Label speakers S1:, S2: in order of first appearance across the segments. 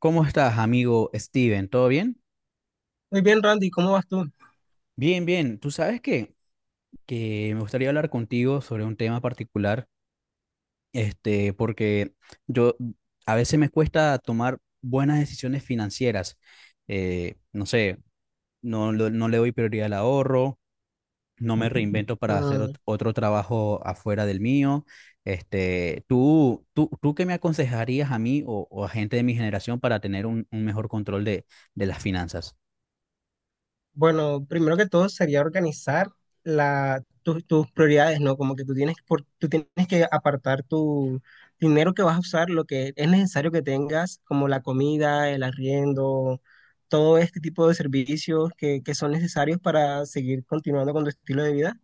S1: ¿Cómo estás, amigo Steven? ¿Todo bien?
S2: Muy bien, Randy, ¿cómo vas tú?
S1: Bien, bien. Tú sabes que me gustaría hablar contigo sobre un tema particular, porque yo a veces me cuesta tomar buenas decisiones financieras. No sé, no, no le doy prioridad al ahorro, no me reinvento para hacer
S2: Mm,
S1: otro trabajo afuera del mío. Este, ¿tú qué me aconsejarías a mí o a gente de mi generación para tener un mejor control de las finanzas?
S2: bueno, primero que todo sería organizar tus prioridades, ¿no? Como que tú tienes que apartar tu dinero que vas a usar, lo que es necesario que tengas, como la comida, el arriendo, todo este tipo de servicios que son necesarios para seguir continuando con tu estilo de vida.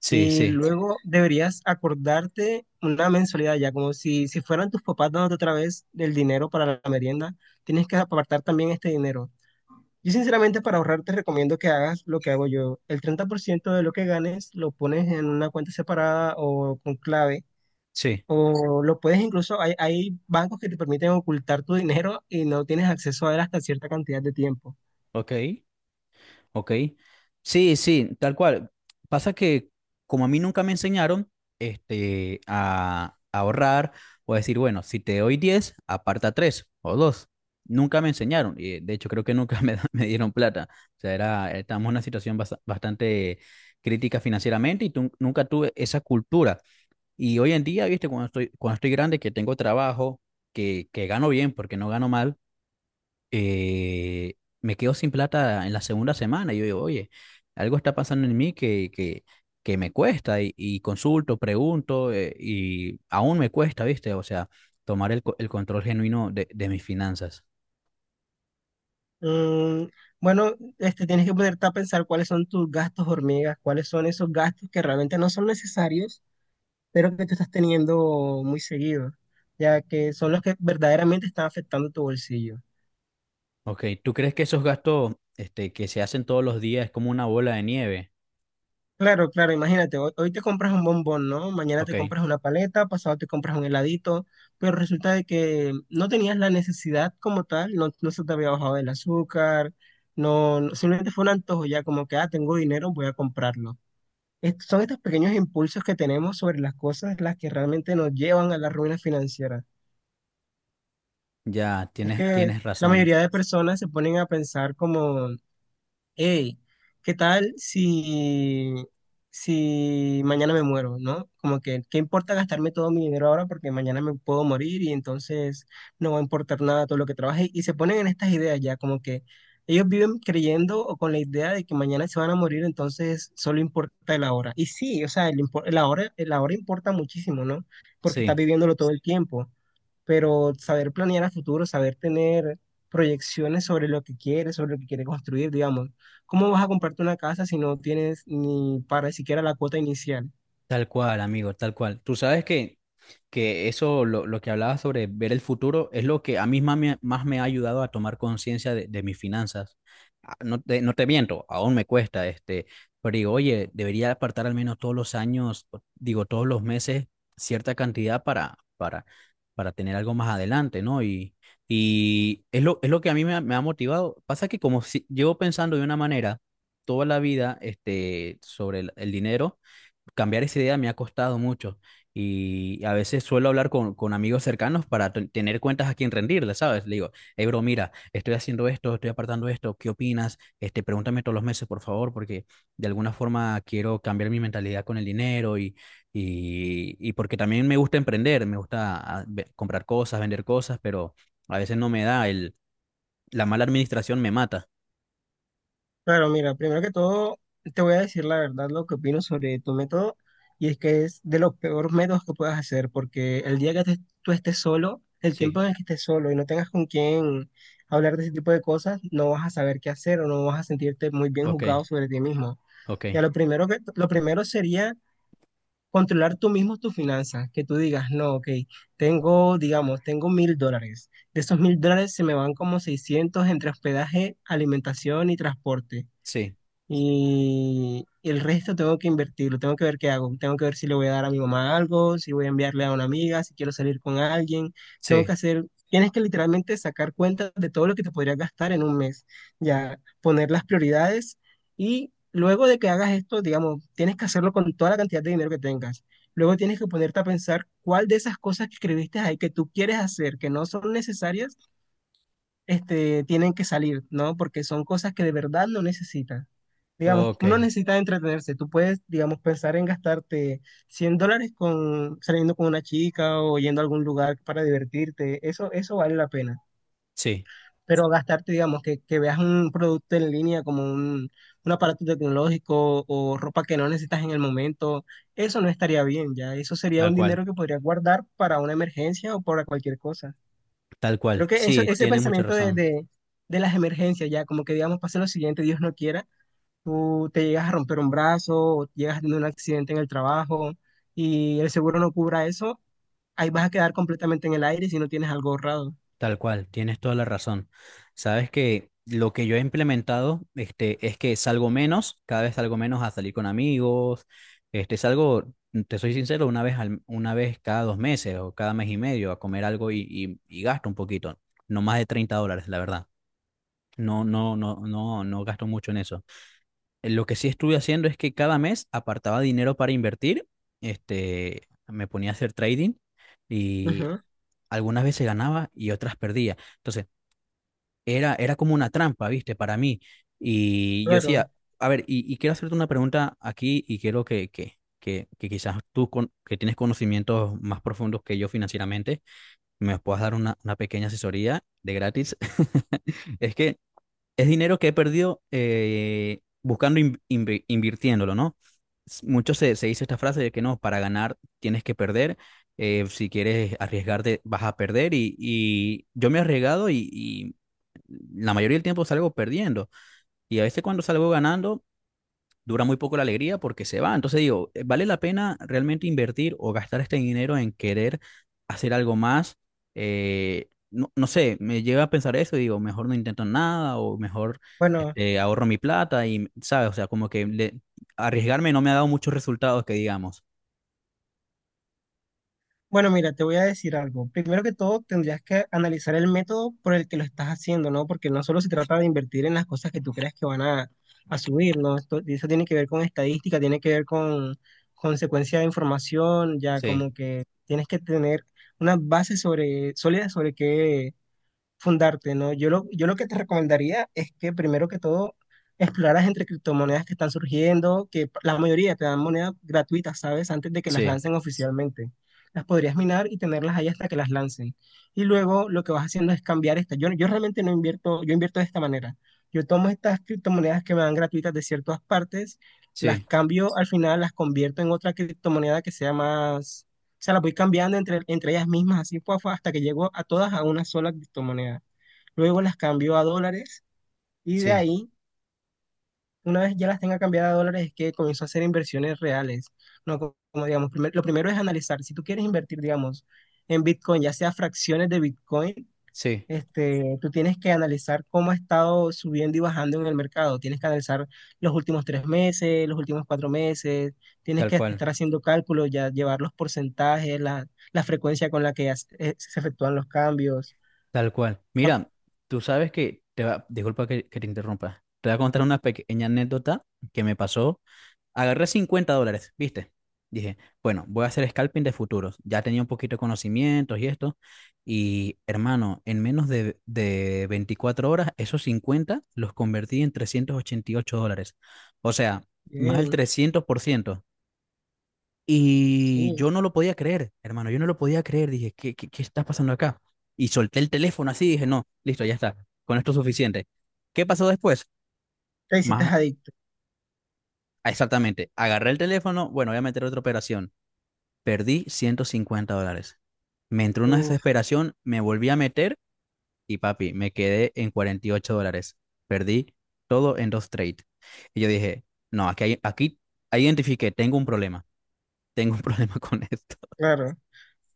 S1: Sí,
S2: Y
S1: sí,
S2: luego deberías acordarte una mensualidad ya, como si fueran tus papás dándote otra vez el dinero para la merienda, tienes que apartar también este dinero. Yo sinceramente para ahorrar te recomiendo que hagas lo que hago yo. El 30% de lo que ganes lo pones en una cuenta separada o con clave.
S1: sí.
S2: O lo puedes incluso, hay bancos que te permiten ocultar tu dinero y no tienes acceso a él hasta cierta cantidad de tiempo.
S1: Ok, ok. Sí, sí, tal cual. Pasa que como a mí nunca me enseñaron este, a ahorrar o a decir, bueno, si te doy 10, aparta 3 o 2. Nunca me enseñaron. Y de hecho creo que nunca me, da- me dieron plata. O sea, era, estábamos en una situación bastante crítica financieramente y nunca tuve esa cultura. Y hoy en día, viste, cuando estoy grande, que tengo trabajo, que gano bien porque no gano mal eh, me quedo sin plata en la segunda semana. Y yo digo, oye, algo está pasando en mí que me cuesta y consulto, pregunto y aún me cuesta, ¿viste? O sea, tomar el, el control genuino de mis finanzas.
S2: Mm, bueno, este, tienes que ponerte a pensar cuáles son tus gastos hormigas, cuáles son esos gastos que realmente no son necesarios, pero que tú estás teniendo muy seguido, ya que son los que verdaderamente están afectando tu bolsillo.
S1: Ok, ¿tú crees que esos gastos este, que se hacen todos los días es como una bola de nieve?
S2: Claro, claro, imagínate, hoy te compras un bombón, ¿no? Mañana
S1: Ok,
S2: te compras una paleta, pasado te compras un heladito, pero resulta de que no tenías la necesidad como tal, no, no se te había bajado el azúcar, simplemente fue un antojo ya como que, ah, tengo dinero, voy a comprarlo. Son estos pequeños impulsos que tenemos sobre las cosas las que realmente nos llevan a la ruina financiera.
S1: ya,
S2: Es
S1: tienes,
S2: que
S1: tienes
S2: la
S1: razón.
S2: mayoría de personas se ponen a pensar como hey, ¿qué tal si mañana me muero, no? Como que, ¿qué importa gastarme todo mi dinero ahora porque mañana me puedo morir y entonces no va a importar nada todo lo que trabaje? Y se ponen en estas ideas ya, como que ellos viven creyendo o con la idea de que mañana se van a morir, entonces solo importa el ahora. Y sí, o sea, el ahora importa muchísimo, ¿no? Porque estás
S1: Sí,
S2: viviéndolo todo el tiempo, pero saber planear a futuro, saber tener proyecciones sobre lo que quieres, sobre lo que quieres construir, digamos. ¿Cómo vas a comprarte una casa si no tienes ni para siquiera la cuota inicial?
S1: tal cual, amigo, tal cual. Tú sabes que eso, lo que hablaba sobre ver el futuro, es lo que a mí más me ha ayudado a tomar conciencia de mis finanzas. Ah, no te, no te miento, aún me cuesta, este, pero digo, oye, debería apartar al menos todos los años, o- digo, todos los meses, cierta cantidad para tener algo más adelante, ¿no? Y es lo que a mí me ha motivado. Pasa que como si, llevo pensando de una manera toda la vida, este, sobre el dinero, cambiar esa idea me ha costado mucho y a veces suelo hablar con amigos cercanos para tener cuentas a quien rendirle, ¿sabes? Le digo, hey, bro, mira, estoy haciendo esto, estoy apartando esto, ¿qué opinas? Este, pregúntame todos los meses, por favor, porque de alguna forma quiero cambiar mi mentalidad con el dinero y porque también me gusta emprender, me gusta ve- comprar cosas, vender cosas, pero a veces no me da, el, la mala administración me mata.
S2: Claro, mira, primero que todo, te voy a decir la verdad lo que opino sobre tu método, y es que es de los peores métodos que puedas hacer, porque el día que tú estés solo, el tiempo
S1: Sí,
S2: en el que estés solo y no tengas con quién hablar de ese tipo de cosas, no vas a saber qué hacer o no vas a sentirte muy bien
S1: ok,
S2: juzgado sobre ti mismo.
S1: ok,
S2: Ya lo primero sería controlar tú mismo tus finanzas, que tú digas, no, ok, tengo, digamos, tengo $1.000. De esos $1.000 se me van como 600 entre hospedaje, alimentación y transporte.
S1: sí,
S2: Y el resto tengo que invertirlo, tengo que ver qué hago, tengo que ver si le voy a dar a mi mamá algo, si voy a enviarle a una amiga, si quiero salir con alguien, tengo que
S1: sí,
S2: hacer, tienes que literalmente sacar cuentas de todo lo que te podrías gastar en un mes, ya poner las prioridades y luego de que hagas esto, digamos, tienes que hacerlo con toda la cantidad de dinero que tengas. Luego tienes que ponerte a pensar cuál de esas cosas que escribiste ahí que tú quieres hacer, que no son necesarias, este, tienen que salir, ¿no? Porque son cosas que de verdad no necesitas. Digamos,
S1: ok,
S2: no necesitas entretenerse. Tú puedes, digamos, pensar en gastarte $100 con, saliendo con una chica o yendo a algún lugar para divertirte. Eso vale la pena.
S1: sí,
S2: Pero gastarte, digamos, que veas un producto en línea como un aparato tecnológico o ropa que no necesitas en el momento, eso no estaría bien, ya. Eso sería
S1: tal
S2: un
S1: cual.
S2: dinero que podrías guardar para una emergencia o para cualquier cosa.
S1: Tal
S2: Creo
S1: cual,
S2: que eso,
S1: sí,
S2: ese
S1: tienes mucha
S2: pensamiento de,
S1: razón,
S2: de, de las emergencias, ya, como que, digamos, pase lo siguiente, Dios no quiera tú te llegas a romper un brazo o llegas a tener un accidente en el trabajo y el seguro no cubra eso, ahí vas a quedar completamente en el aire si no tienes algo ahorrado.
S1: tal cual, tienes toda la razón. Sabes que lo que yo he implementado, este, es que salgo menos, cada vez salgo menos a salir con amigos, este, salgo, te soy sincero, una vez cada dos meses o cada mes y medio a comer algo y gasto un poquito, no más de $30, la verdad. No, no, no, no, no gasto mucho en eso. Lo que sí estuve haciendo es que cada mes apartaba dinero para invertir, este, me ponía a hacer trading. Y
S2: Ujú,
S1: algunas veces ganaba y otras perdía. Entonces, era, era como una trampa, ¿viste? Para mí. Y yo
S2: claro.
S1: decía, a ver, y quiero hacerte una pregunta aquí y quiero que quizás tú, con- que tienes conocimientos más profundos que yo financieramente, me puedas dar una pequeña asesoría de gratis. Es que es dinero que he perdido buscando, in- invi- invirtiéndolo, ¿no? S- Mucho se, se dice esta frase de que no, para ganar tienes que perder, si quieres arriesgarte vas a perder y yo me he arriesgado y la mayoría del tiempo salgo perdiendo y a veces cuando salgo ganando dura muy poco la alegría porque se va. Entonces digo, ¿vale la pena realmente invertir o gastar este dinero en querer hacer algo más? No, no sé, me lleva a pensar eso y digo, mejor no intento nada o mejor
S2: Bueno,
S1: este, ahorro mi plata y, ¿sabes? O sea, como que le- arriesgarme no me ha dado muchos resultados que digamos.
S2: bueno, mira, te voy a decir algo. Primero que todo, tendrías que analizar el método por el que lo estás haciendo, ¿no? Porque no solo se trata de invertir en las cosas que tú creas que van a subir, ¿no? Esto, eso tiene que ver con estadística, tiene que ver con consecuencia de información, ya
S1: Sí,
S2: como que tienes que tener una base sobre, sólida sobre qué, fundarte, ¿no? Yo lo que te recomendaría es que primero que todo exploraras entre criptomonedas que están surgiendo, que p- la mayoría te dan monedas gratuitas, ¿sabes? Antes de que las
S1: sí,
S2: lancen oficialmente. Las podrías minar y tenerlas ahí hasta que las lancen. Y luego lo que vas haciendo es cambiar esta. Yo realmente no invierto, yo invierto de esta manera. Yo tomo estas criptomonedas que me dan gratuitas de ciertas partes, las
S1: sí,
S2: cambio al final, las convierto en otra criptomoneda que sea más sea, las voy cambiando entre ellas mismas, así fue, hasta que llegó a todas a una sola criptomoneda. Luego las cambio a dólares y de
S1: sí,
S2: ahí, una vez ya las tenga cambiadas a dólares, es que comenzó a hacer inversiones reales. No, como, digamos, lo primero es analizar. Si tú quieres invertir, digamos, en Bitcoin, ya sea fracciones de Bitcoin,
S1: sí,
S2: este, tú tienes que analizar cómo ha estado subiendo y bajando en el mercado. Tienes que analizar los últimos 3 meses, los últimos 4 meses. Tienes
S1: tal
S2: que
S1: cual,
S2: estar haciendo cálculos, ya llevar los porcentajes, la frecuencia con la que se efectúan los cambios.
S1: tal cual.
S2: Ah,
S1: Mira, tú sabes que, te va- disculpa que te interrumpa, te voy a contar una pequeña anécdota que me pasó. Agarré $50, ¿viste? Dije, bueno, voy a hacer scalping de futuros. Ya tenía un poquito de conocimientos y esto. Y hermano, en menos de 24 horas, esos 50 los convertí en 388 dólares. O sea, más del
S2: bien,
S1: 300%. Y
S2: sí.
S1: yo no lo podía creer, hermano, yo no lo podía creer. Dije, ¿qué, qué, qué está pasando acá? Y solté el teléfono así, dije, no, listo, ya está. Con esto es suficiente. ¿Qué pasó después?
S2: Te hiciste
S1: Más
S2: adicto.
S1: exactamente, agarré el teléfono, bueno, voy a meter otra operación. Perdí $150. Me entró una
S2: Uf,
S1: desesperación, me volví a meter y papi, me quedé en $48. Perdí todo en dos trades. Y yo dije, no, aquí, hay- aquí ahí identifiqué, tengo un problema, tengo un problema con esto.
S2: claro.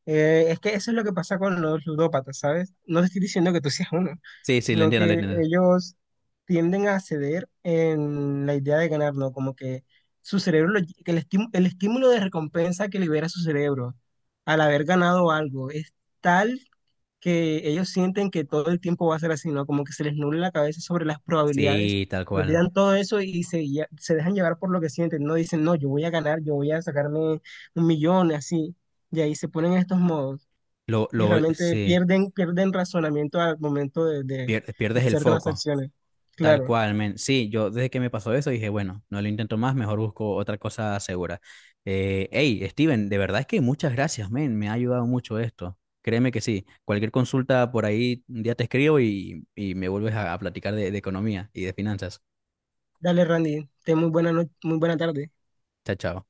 S2: Es que eso es lo que pasa con los ludópatas, ¿sabes? No te estoy diciendo que tú seas uno,
S1: Sí, sí, lo
S2: sino
S1: entiendo, lo
S2: que
S1: entiendo.
S2: ellos tienden a ceder en la idea de ganar, ¿no? Como que su cerebro, que el estímulo de recompensa que libera su cerebro al haber ganado algo es tal que ellos sienten que todo el tiempo va a ser así, ¿no? Como que se les nubla la cabeza sobre las probabilidades,
S1: Sí, tal cual.
S2: olvidan todo eso y se dejan llevar por lo que sienten, no dicen, no, yo voy a ganar, yo voy a sacarme un millón, así, y ahí se ponen en estos modos y
S1: Lo,
S2: realmente
S1: sí,
S2: pierden razonamiento al momento de, de-
S1: pier-
S2: de
S1: pierdes el
S2: hacer
S1: foco.
S2: transacciones.
S1: Tal
S2: Claro,
S1: cual, men. Sí, yo desde que me pasó eso dije, bueno, no lo intento más, mejor busco otra cosa segura. Hey, Steven, de verdad es que muchas gracias, men. Me ha ayudado mucho esto. Créeme que sí. Cualquier consulta por ahí, un día te escribo y me vuelves a platicar de economía y de finanzas.
S2: dale Randy, ten muy buena, no- muy buena tarde.
S1: Chao, chao.